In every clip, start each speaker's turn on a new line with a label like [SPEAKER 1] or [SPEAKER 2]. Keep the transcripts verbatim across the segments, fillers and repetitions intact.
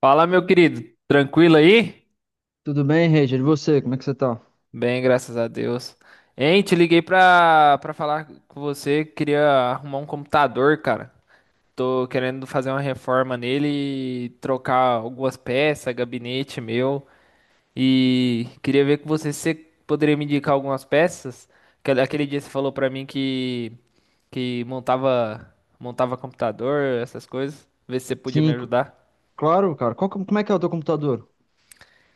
[SPEAKER 1] Fala, meu querido, tranquilo aí?
[SPEAKER 2] Tudo bem, Reger? E você, como é que você tá?
[SPEAKER 1] Bem, graças a Deus. Hein, te liguei pra, pra falar com você, queria arrumar um computador, cara. Tô querendo fazer uma reforma nele e trocar algumas peças, gabinete meu. E queria ver com você se você poderia me indicar algumas peças. Que Aquele dia você falou pra mim que, que montava, montava computador, essas coisas. Ver se você podia me
[SPEAKER 2] Sim, c-
[SPEAKER 1] ajudar.
[SPEAKER 2] claro, cara. Qual, que- como é que é o teu computador?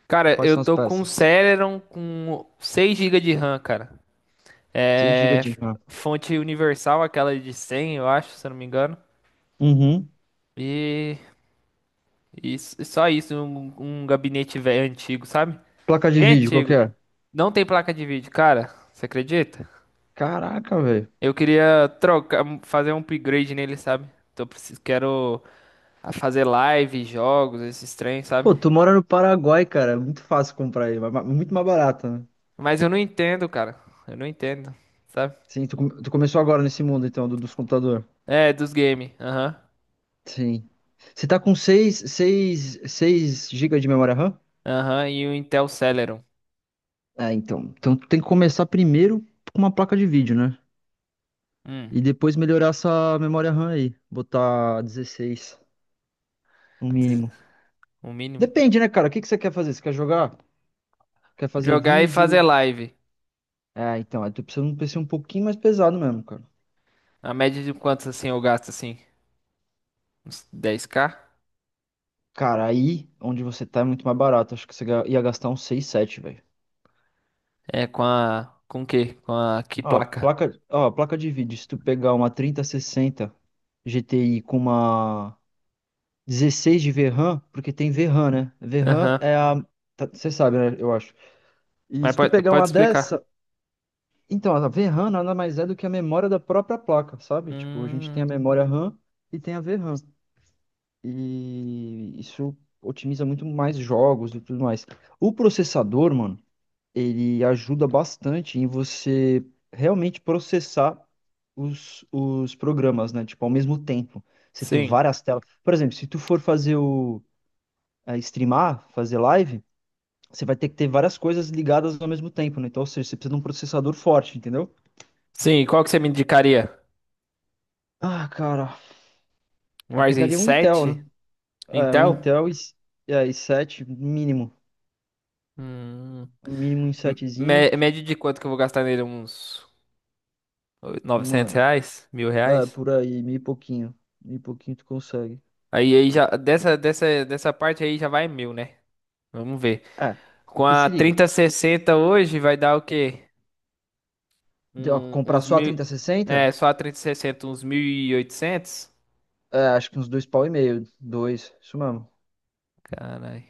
[SPEAKER 1] Cara,
[SPEAKER 2] Quais
[SPEAKER 1] eu
[SPEAKER 2] são as
[SPEAKER 1] tô com um
[SPEAKER 2] peças?
[SPEAKER 1] Celeron com seis G B de RAM, cara.
[SPEAKER 2] Seis gigas
[SPEAKER 1] É
[SPEAKER 2] de RAM.
[SPEAKER 1] fonte universal, aquela de cem, eu acho, se eu não me engano.
[SPEAKER 2] Uhum.
[SPEAKER 1] E, e s- só isso, um, um gabinete velho antigo, sabe?
[SPEAKER 2] Placa de
[SPEAKER 1] Bem
[SPEAKER 2] vídeo, qual que
[SPEAKER 1] antigo.
[SPEAKER 2] é?
[SPEAKER 1] Não tem placa de vídeo, cara. Você acredita?
[SPEAKER 2] Caraca, velho.
[SPEAKER 1] Eu queria trocar, um, fazer um upgrade nele, sabe? Então eu preciso, quero fazer live, jogos, esses trem, sabe?
[SPEAKER 2] Pô, tu mora no Paraguai, cara. É muito fácil comprar aí. ma- ma- Muito mais barato, né?
[SPEAKER 1] Mas eu não entendo, cara. Eu não entendo, sabe?
[SPEAKER 2] Sim, tu, come- tu começou agora nesse mundo, então, do- dos computadores.
[SPEAKER 1] É, dos games. Aham.
[SPEAKER 2] Sim. Você tá com seis, seis, seis gigas de memória RAM?
[SPEAKER 1] Aham. E o Intel Celeron.
[SPEAKER 2] É, então. Então tu tem que começar primeiro com uma placa de vídeo, né?
[SPEAKER 1] Hum.
[SPEAKER 2] E depois melhorar essa memória RAM aí. Botar dezesseis, no
[SPEAKER 1] diz-
[SPEAKER 2] mínimo.
[SPEAKER 1] O mínimo, cara.
[SPEAKER 2] Depende, né, cara? O que que você quer fazer? Você quer jogar? Quer fazer
[SPEAKER 1] Jogar e fazer
[SPEAKER 2] vídeo?
[SPEAKER 1] live.
[SPEAKER 2] É, então, aí tu precisa de um P C um pouquinho mais pesado mesmo, cara.
[SPEAKER 1] A média de quantos assim eu gasto assim? Uns dez k.
[SPEAKER 2] Cara, aí onde você tá é muito mais barato. Acho que você ga- ia gastar uns seis, sete, velho.
[SPEAKER 1] É com a. Com o quê? Com a que
[SPEAKER 2] Ó,
[SPEAKER 1] placa?
[SPEAKER 2] placa, ó, placa de vídeo. Se tu pegar uma trinta sessenta G T I com uma dezesseis de VRAM, porque tem V RAM, né? V RAM
[SPEAKER 1] Aham.
[SPEAKER 2] é a. tá- Você sabe, né? Eu acho. E
[SPEAKER 1] Mas
[SPEAKER 2] se tu
[SPEAKER 1] pode,
[SPEAKER 2] pegar
[SPEAKER 1] pode
[SPEAKER 2] uma
[SPEAKER 1] explicar.
[SPEAKER 2] dessa. Então, a vê ram nada mais é do que a memória da própria placa, sabe? Tipo, a gente tem a
[SPEAKER 1] Hum,
[SPEAKER 2] memória RAM e tem a V RAM. E isso otimiza muito mais jogos e tudo mais. O processador, mano, ele ajuda bastante em você realmente processar os, os programas, né? Tipo, ao mesmo tempo. Você ter
[SPEAKER 1] sim.
[SPEAKER 2] várias telas. Por exemplo, se tu for fazer o eh, streamar, fazer live, você vai ter que ter várias coisas ligadas ao mesmo tempo, né? Então, ou seja, você precisa de um processador forte, entendeu?
[SPEAKER 1] Sim, e qual que você me indicaria?
[SPEAKER 2] Ah, cara,
[SPEAKER 1] Um
[SPEAKER 2] eu
[SPEAKER 1] Ryzen
[SPEAKER 2] pegaria um Intel,
[SPEAKER 1] sete,
[SPEAKER 2] né? É, um
[SPEAKER 1] Intel?
[SPEAKER 2] Intel i- é, i sete mínimo,
[SPEAKER 1] Hum,
[SPEAKER 2] um mínimo i setezinho.
[SPEAKER 1] mé- média de quanto que eu vou gastar nele? Uns novecentos
[SPEAKER 2] Mano,
[SPEAKER 1] reais? Mil
[SPEAKER 2] ah,
[SPEAKER 1] reais?
[SPEAKER 2] por aí, meio pouquinho. Meio pouquinho tu consegue.
[SPEAKER 1] Aí, aí já, dessa, dessa, dessa parte aí já vai mil, né? Vamos ver.
[SPEAKER 2] É,
[SPEAKER 1] Com
[SPEAKER 2] que
[SPEAKER 1] a
[SPEAKER 2] se liga.
[SPEAKER 1] trinta sessenta hoje vai dar o quê?
[SPEAKER 2] de- ó,
[SPEAKER 1] Um-
[SPEAKER 2] comprar
[SPEAKER 1] uns
[SPEAKER 2] só a
[SPEAKER 1] mil.
[SPEAKER 2] trinta sessenta?
[SPEAKER 1] É, só a trezentos e sessenta uns mil e oitocentos.
[SPEAKER 2] É, acho que uns dois pau e meio. Dois, isso mesmo.
[SPEAKER 1] Caralho.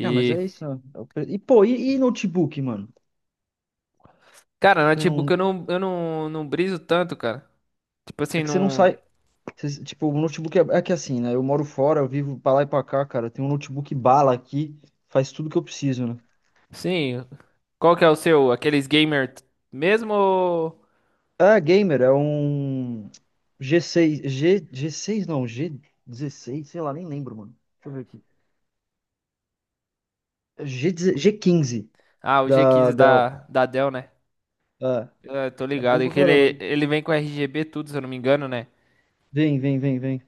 [SPEAKER 2] Ah, mas é isso, né? É o pre- E, pô, e, e notebook, mano?
[SPEAKER 1] Cara,
[SPEAKER 2] Você
[SPEAKER 1] notebook eu
[SPEAKER 2] não.
[SPEAKER 1] não, eu não, não briso tanto, cara. Tipo
[SPEAKER 2] É
[SPEAKER 1] assim,
[SPEAKER 2] que você não
[SPEAKER 1] não.
[SPEAKER 2] sai. Você- tipo, o notebook é, é que assim, né? Eu moro fora, eu vivo pra lá e pra cá, cara. Eu tenho um notebook bala aqui. Faz tudo que eu preciso, né?
[SPEAKER 1] Sim. Qual que é o seu? Aqueles gamer mesmo ou.
[SPEAKER 2] É, gamer, é um G seis, G, seis g g seis não, g dezesseis, sei lá, nem lembro, mano. Deixa eu ver aqui. G, G15
[SPEAKER 1] Ah, o
[SPEAKER 2] da
[SPEAKER 1] G quinze
[SPEAKER 2] Dell.
[SPEAKER 1] da, da Dell, né?
[SPEAKER 2] É,
[SPEAKER 1] Eu tô
[SPEAKER 2] é
[SPEAKER 1] ligado.
[SPEAKER 2] bom
[SPEAKER 1] É
[SPEAKER 2] pra
[SPEAKER 1] que
[SPEAKER 2] caramba,
[SPEAKER 1] ele,
[SPEAKER 2] né?
[SPEAKER 1] ele vem com R G B tudo, se eu não me engano, né?
[SPEAKER 2] Vem, vem, vem, vem.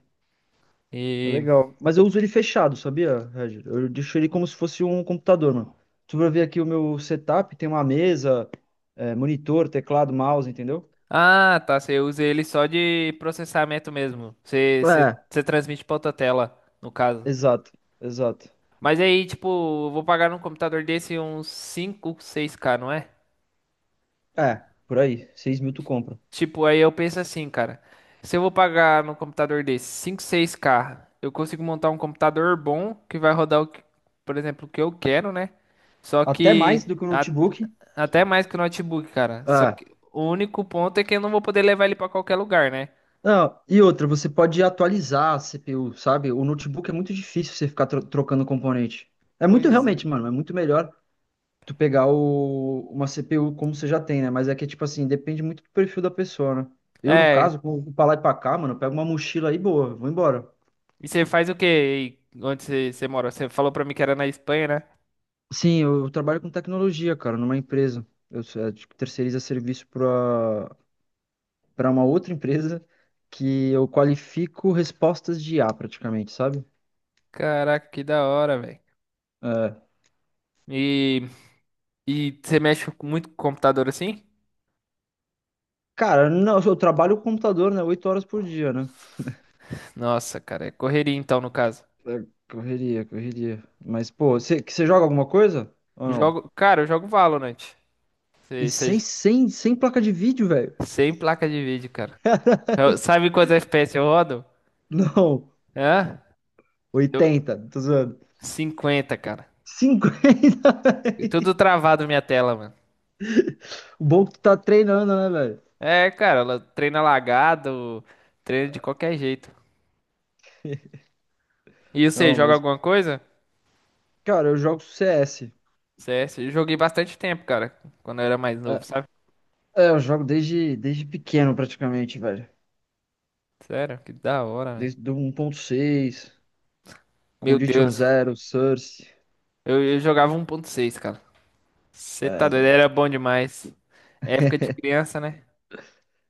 [SPEAKER 2] É
[SPEAKER 1] E.
[SPEAKER 2] legal. Mas eu uso ele fechado, sabia, Regis? Eu deixo ele como se fosse um computador, mano. Tu vai ver aqui o meu setup, tem uma mesa, é, monitor, teclado, mouse, entendeu?
[SPEAKER 1] Ah, tá. Você usa ele só de processamento mesmo. Você, você,
[SPEAKER 2] É.
[SPEAKER 1] você transmite pra outra tela, no caso.
[SPEAKER 2] Exato, exato.
[SPEAKER 1] Mas aí, tipo, eu vou pagar num computador desse uns cinco seis k, não é?
[SPEAKER 2] É, por aí. Seis mil tu compra.
[SPEAKER 1] Tipo, aí eu penso assim, cara. Se eu vou pagar num computador desse cinco seis k eu consigo montar um computador bom que vai rodar, o que- por exemplo, o que eu quero, né? Só
[SPEAKER 2] Até
[SPEAKER 1] que
[SPEAKER 2] mais do que o
[SPEAKER 1] a-
[SPEAKER 2] notebook.
[SPEAKER 1] até mais que o notebook, cara. Só
[SPEAKER 2] É.
[SPEAKER 1] que o único ponto é que eu não vou poder levar ele pra qualquer lugar, né?
[SPEAKER 2] Não, e outra, você pode atualizar a C P U, sabe? O notebook é muito difícil você ficar tro- trocando componente. É muito
[SPEAKER 1] Pois é.
[SPEAKER 2] realmente, mano, é muito melhor tu pegar o, uma C P U como você já tem, né? Mas é que, tipo assim, depende muito do perfil da pessoa, né? Eu, no
[SPEAKER 1] É,
[SPEAKER 2] caso, como pra lá e pra cá, mano, eu pego uma mochila aí, boa, vou embora.
[SPEAKER 1] e você faz o quê? Aí, onde você, você mora? Você falou pra mim que era na Espanha, né?
[SPEAKER 2] Sim, eu trabalho com tecnologia, cara, numa empresa. Eu sou- é, tipo, terceiriza serviço pra, para uma outra empresa que eu qualifico respostas de I A praticamente, sabe?
[SPEAKER 1] Caraca, que da hora, velho.
[SPEAKER 2] É.
[SPEAKER 1] E E você mexe muito com computador assim?
[SPEAKER 2] Cara, não, eu trabalho com computador, né? Oito horas por dia, né?
[SPEAKER 1] Nossa, cara, é correria então no caso.
[SPEAKER 2] É, correria, correria. Mas, pô, você você joga alguma coisa? Ou
[SPEAKER 1] Eu
[SPEAKER 2] não?
[SPEAKER 1] jogo, cara, eu jogo Valorant.
[SPEAKER 2] E
[SPEAKER 1] Sei, sei,
[SPEAKER 2] sem, sem, sem placa de vídeo, velho.
[SPEAKER 1] sem placa de vídeo, cara. Eu- sabe quantos F P S eu rodo?
[SPEAKER 2] Não,
[SPEAKER 1] Hã? Deu
[SPEAKER 2] oitenta, tô zoando.
[SPEAKER 1] cinquenta, cara.
[SPEAKER 2] Cinquenta,
[SPEAKER 1] E tudo
[SPEAKER 2] velho.
[SPEAKER 1] travado minha tela, mano.
[SPEAKER 2] O bom é que tu tá treinando, né, velho?
[SPEAKER 1] É, cara, ela treina lagado, treina de qualquer jeito. E você
[SPEAKER 2] Não,
[SPEAKER 1] joga
[SPEAKER 2] mas,
[SPEAKER 1] alguma coisa?
[SPEAKER 2] cara, eu jogo C S.
[SPEAKER 1] C S, eu joguei bastante tempo, cara, quando eu era mais novo,
[SPEAKER 2] É,
[SPEAKER 1] sabe?
[SPEAKER 2] é, eu jogo desde, desde pequeno, praticamente, velho.
[SPEAKER 1] Sério, que da hora, velho.
[SPEAKER 2] Desde do um 1.6,
[SPEAKER 1] Meu
[SPEAKER 2] Condition
[SPEAKER 1] Deus,
[SPEAKER 2] Zero, Source.
[SPEAKER 1] eu, eu jogava um ponto seis, cara. Você
[SPEAKER 2] É,
[SPEAKER 1] tá doido,
[SPEAKER 2] velho.
[SPEAKER 1] era bom demais. Época de criança, né?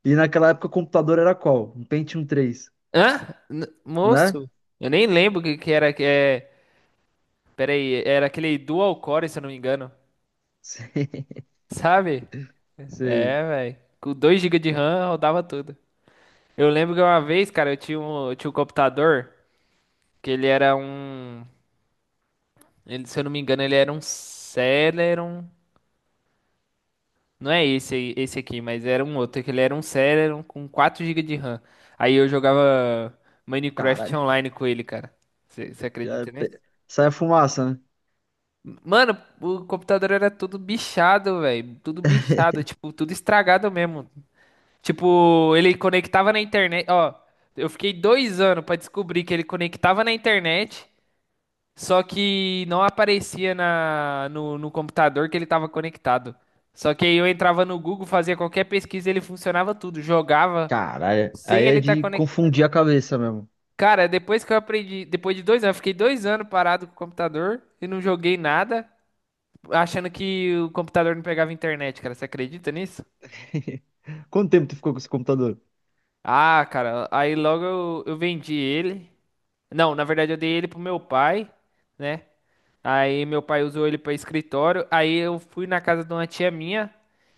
[SPEAKER 2] E naquela época o computador era qual? Um Pentium três,
[SPEAKER 1] Hã? N-,
[SPEAKER 2] né?
[SPEAKER 1] moço, eu nem lembro o que, que era que é. Pera aí, era aquele dual core, se eu não me engano.
[SPEAKER 2] Sei,
[SPEAKER 1] Sabe?
[SPEAKER 2] sei.
[SPEAKER 1] É, velho. Com dois gigas de RAM rodava tudo. Eu lembro que uma vez, cara, eu tinha um, eu tinha um computador que ele era um. Ele- se eu não me engano, ele era um Celeron. Não é esse aí, esse aqui, mas era um outro, que ele era um Celeron com quatro gigas de RAM. Aí eu jogava Minecraft
[SPEAKER 2] Caralho.
[SPEAKER 1] online com ele, cara. Você
[SPEAKER 2] É,
[SPEAKER 1] acredita nisso?
[SPEAKER 2] pe- Sai a fumaça, né?
[SPEAKER 1] Mano, o computador era tudo bichado, velho. Tudo bichado, tipo, tudo estragado mesmo. Tipo, ele conectava na internet. Ó, eu fiquei dois anos pra descobrir que ele conectava na internet. Só que não aparecia na, no, no computador que ele estava conectado. Só que aí eu entrava no Google, fazia qualquer pesquisa, ele funcionava tudo. Jogava
[SPEAKER 2] Caralho.
[SPEAKER 1] sem
[SPEAKER 2] Aí
[SPEAKER 1] ele
[SPEAKER 2] é
[SPEAKER 1] estar
[SPEAKER 2] de
[SPEAKER 1] conectado.
[SPEAKER 2] confundir a cabeça mesmo.
[SPEAKER 1] Cara, depois que eu aprendi, depois de dois anos, eu fiquei dois anos parado com o computador e não joguei nada, achando que o computador não pegava internet, cara. Você acredita nisso?
[SPEAKER 2] Quanto tempo tu ficou com esse computador?
[SPEAKER 1] Ah, cara, aí logo eu, eu vendi ele. Não, na verdade eu dei ele pro meu pai, né? Aí meu pai usou ele pra escritório. Aí eu fui na casa de uma tia minha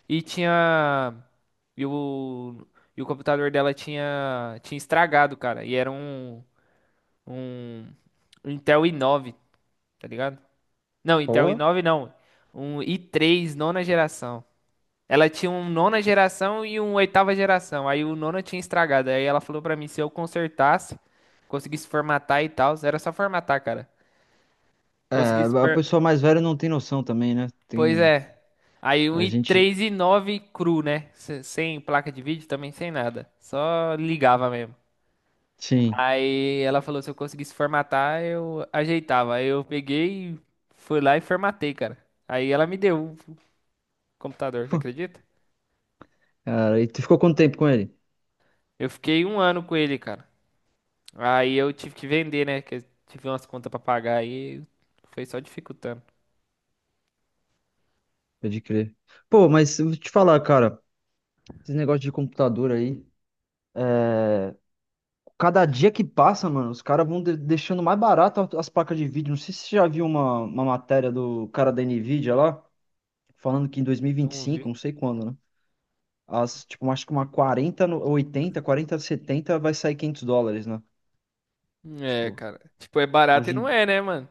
[SPEAKER 1] e tinha e o, e o computador dela tinha tinha estragado, cara. E era um um Intel i nove, tá ligado? Não, Intel
[SPEAKER 2] Ó.
[SPEAKER 1] i nove não. Um i três nona geração. Ela tinha um nona geração e um oitava geração. Aí o nono tinha estragado. Aí ela falou pra mim se eu consertasse, conseguisse formatar e tal. Era só formatar, cara.
[SPEAKER 2] É,
[SPEAKER 1] Conseguisse.
[SPEAKER 2] a
[SPEAKER 1] per-
[SPEAKER 2] pessoa mais velha não tem noção também, né?
[SPEAKER 1] Pois
[SPEAKER 2] Tem.
[SPEAKER 1] é. Aí um
[SPEAKER 2] A gente.
[SPEAKER 1] i três e nove cru, né? Se- Sem placa de vídeo também, sem nada. Só ligava mesmo.
[SPEAKER 2] Sim.
[SPEAKER 1] Aí ela falou se eu conseguisse formatar, eu ajeitava. Aí eu peguei, e fui lá e formatei, cara. Aí ela me deu o computador, você acredita?
[SPEAKER 2] Cara, e tu ficou quanto tempo com ele?
[SPEAKER 1] Eu fiquei um ano com ele, cara. Aí eu tive que vender, né? Que eu tive umas contas pra pagar aí. Foi só dificultando.
[SPEAKER 2] Pode crer. Pô, mas eu vou te falar, cara. Esse negócio de computador aí. é, Cada dia que passa, mano, os caras vão de- deixando mais barato as placas de vídeo. Não sei se você já viu uma, uma matéria do cara da Nvidia lá, falando que em dois mil e e vinte e
[SPEAKER 1] Não
[SPEAKER 2] cinco,
[SPEAKER 1] vi.
[SPEAKER 2] não sei quando, né? As, tipo, acho que uma quarenta, no- oitenta, quarenta, setenta vai sair quinhentos dólares, né?
[SPEAKER 1] É,
[SPEAKER 2] Tipo,
[SPEAKER 1] cara. Tipo, é barato e
[SPEAKER 2] hoje,
[SPEAKER 1] não é, né, mano?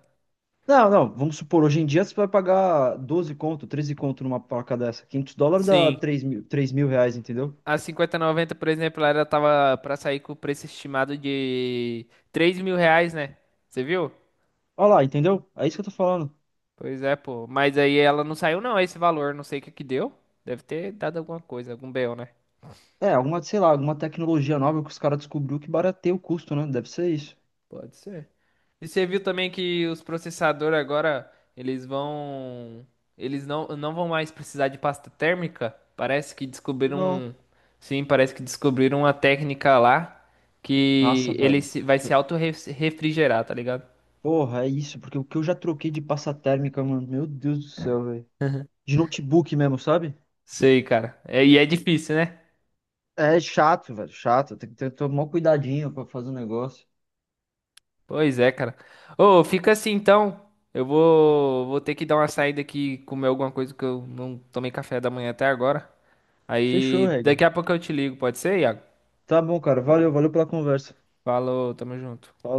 [SPEAKER 2] não, não, vamos supor, hoje em dia você vai pagar doze conto, treze conto numa placa dessa. Quinhentos dólares dá
[SPEAKER 1] Sim.
[SPEAKER 2] três mil, três mil reais, entendeu?
[SPEAKER 1] A cinquenta e noventa por exemplo, ela tava pra sair com o preço estimado de três mil reais, né? Você viu?
[SPEAKER 2] Olha lá, entendeu? É isso que eu tô falando.
[SPEAKER 1] Pois é, pô. Mas aí ela não saiu, não, esse valor. Não sei o que que deu. Deve ter dado alguma coisa, algum B O, né?
[SPEAKER 2] É, alguma, sei lá, alguma tecnologia nova que os caras descobriu que barateia o custo, né? Deve ser isso.
[SPEAKER 1] Pode ser. E você viu também que os processadores agora, eles vão, eles não, não vão mais precisar de pasta térmica? Parece que descobriram,
[SPEAKER 2] Não.
[SPEAKER 1] um- sim, parece que descobriram uma técnica lá
[SPEAKER 2] Nossa,
[SPEAKER 1] que ele
[SPEAKER 2] velho.
[SPEAKER 1] se- vai se
[SPEAKER 2] Que-
[SPEAKER 1] auto-refrigerar, tá ligado?
[SPEAKER 2] Porra, é isso, porque o que eu já troquei de pasta térmica, mano, meu Deus do céu, velho. De notebook mesmo, sabe?
[SPEAKER 1] Sei, cara. É, e é difícil, né?
[SPEAKER 2] É chato, velho, chato. Tem que ter, tomar cuidadinho pra fazer o negócio.
[SPEAKER 1] Pois é, cara. Ô, fica assim então. Eu vou, vou ter que dar uma saída aqui, comer alguma coisa que eu não tomei café da manhã até agora.
[SPEAKER 2] Fechou,
[SPEAKER 1] Aí
[SPEAKER 2] regra.
[SPEAKER 1] daqui a pouco eu te ligo, pode ser, Iago?
[SPEAKER 2] Tá bom, cara. Valeu, valeu pela conversa.
[SPEAKER 1] Falou, tamo junto.
[SPEAKER 2] Falou.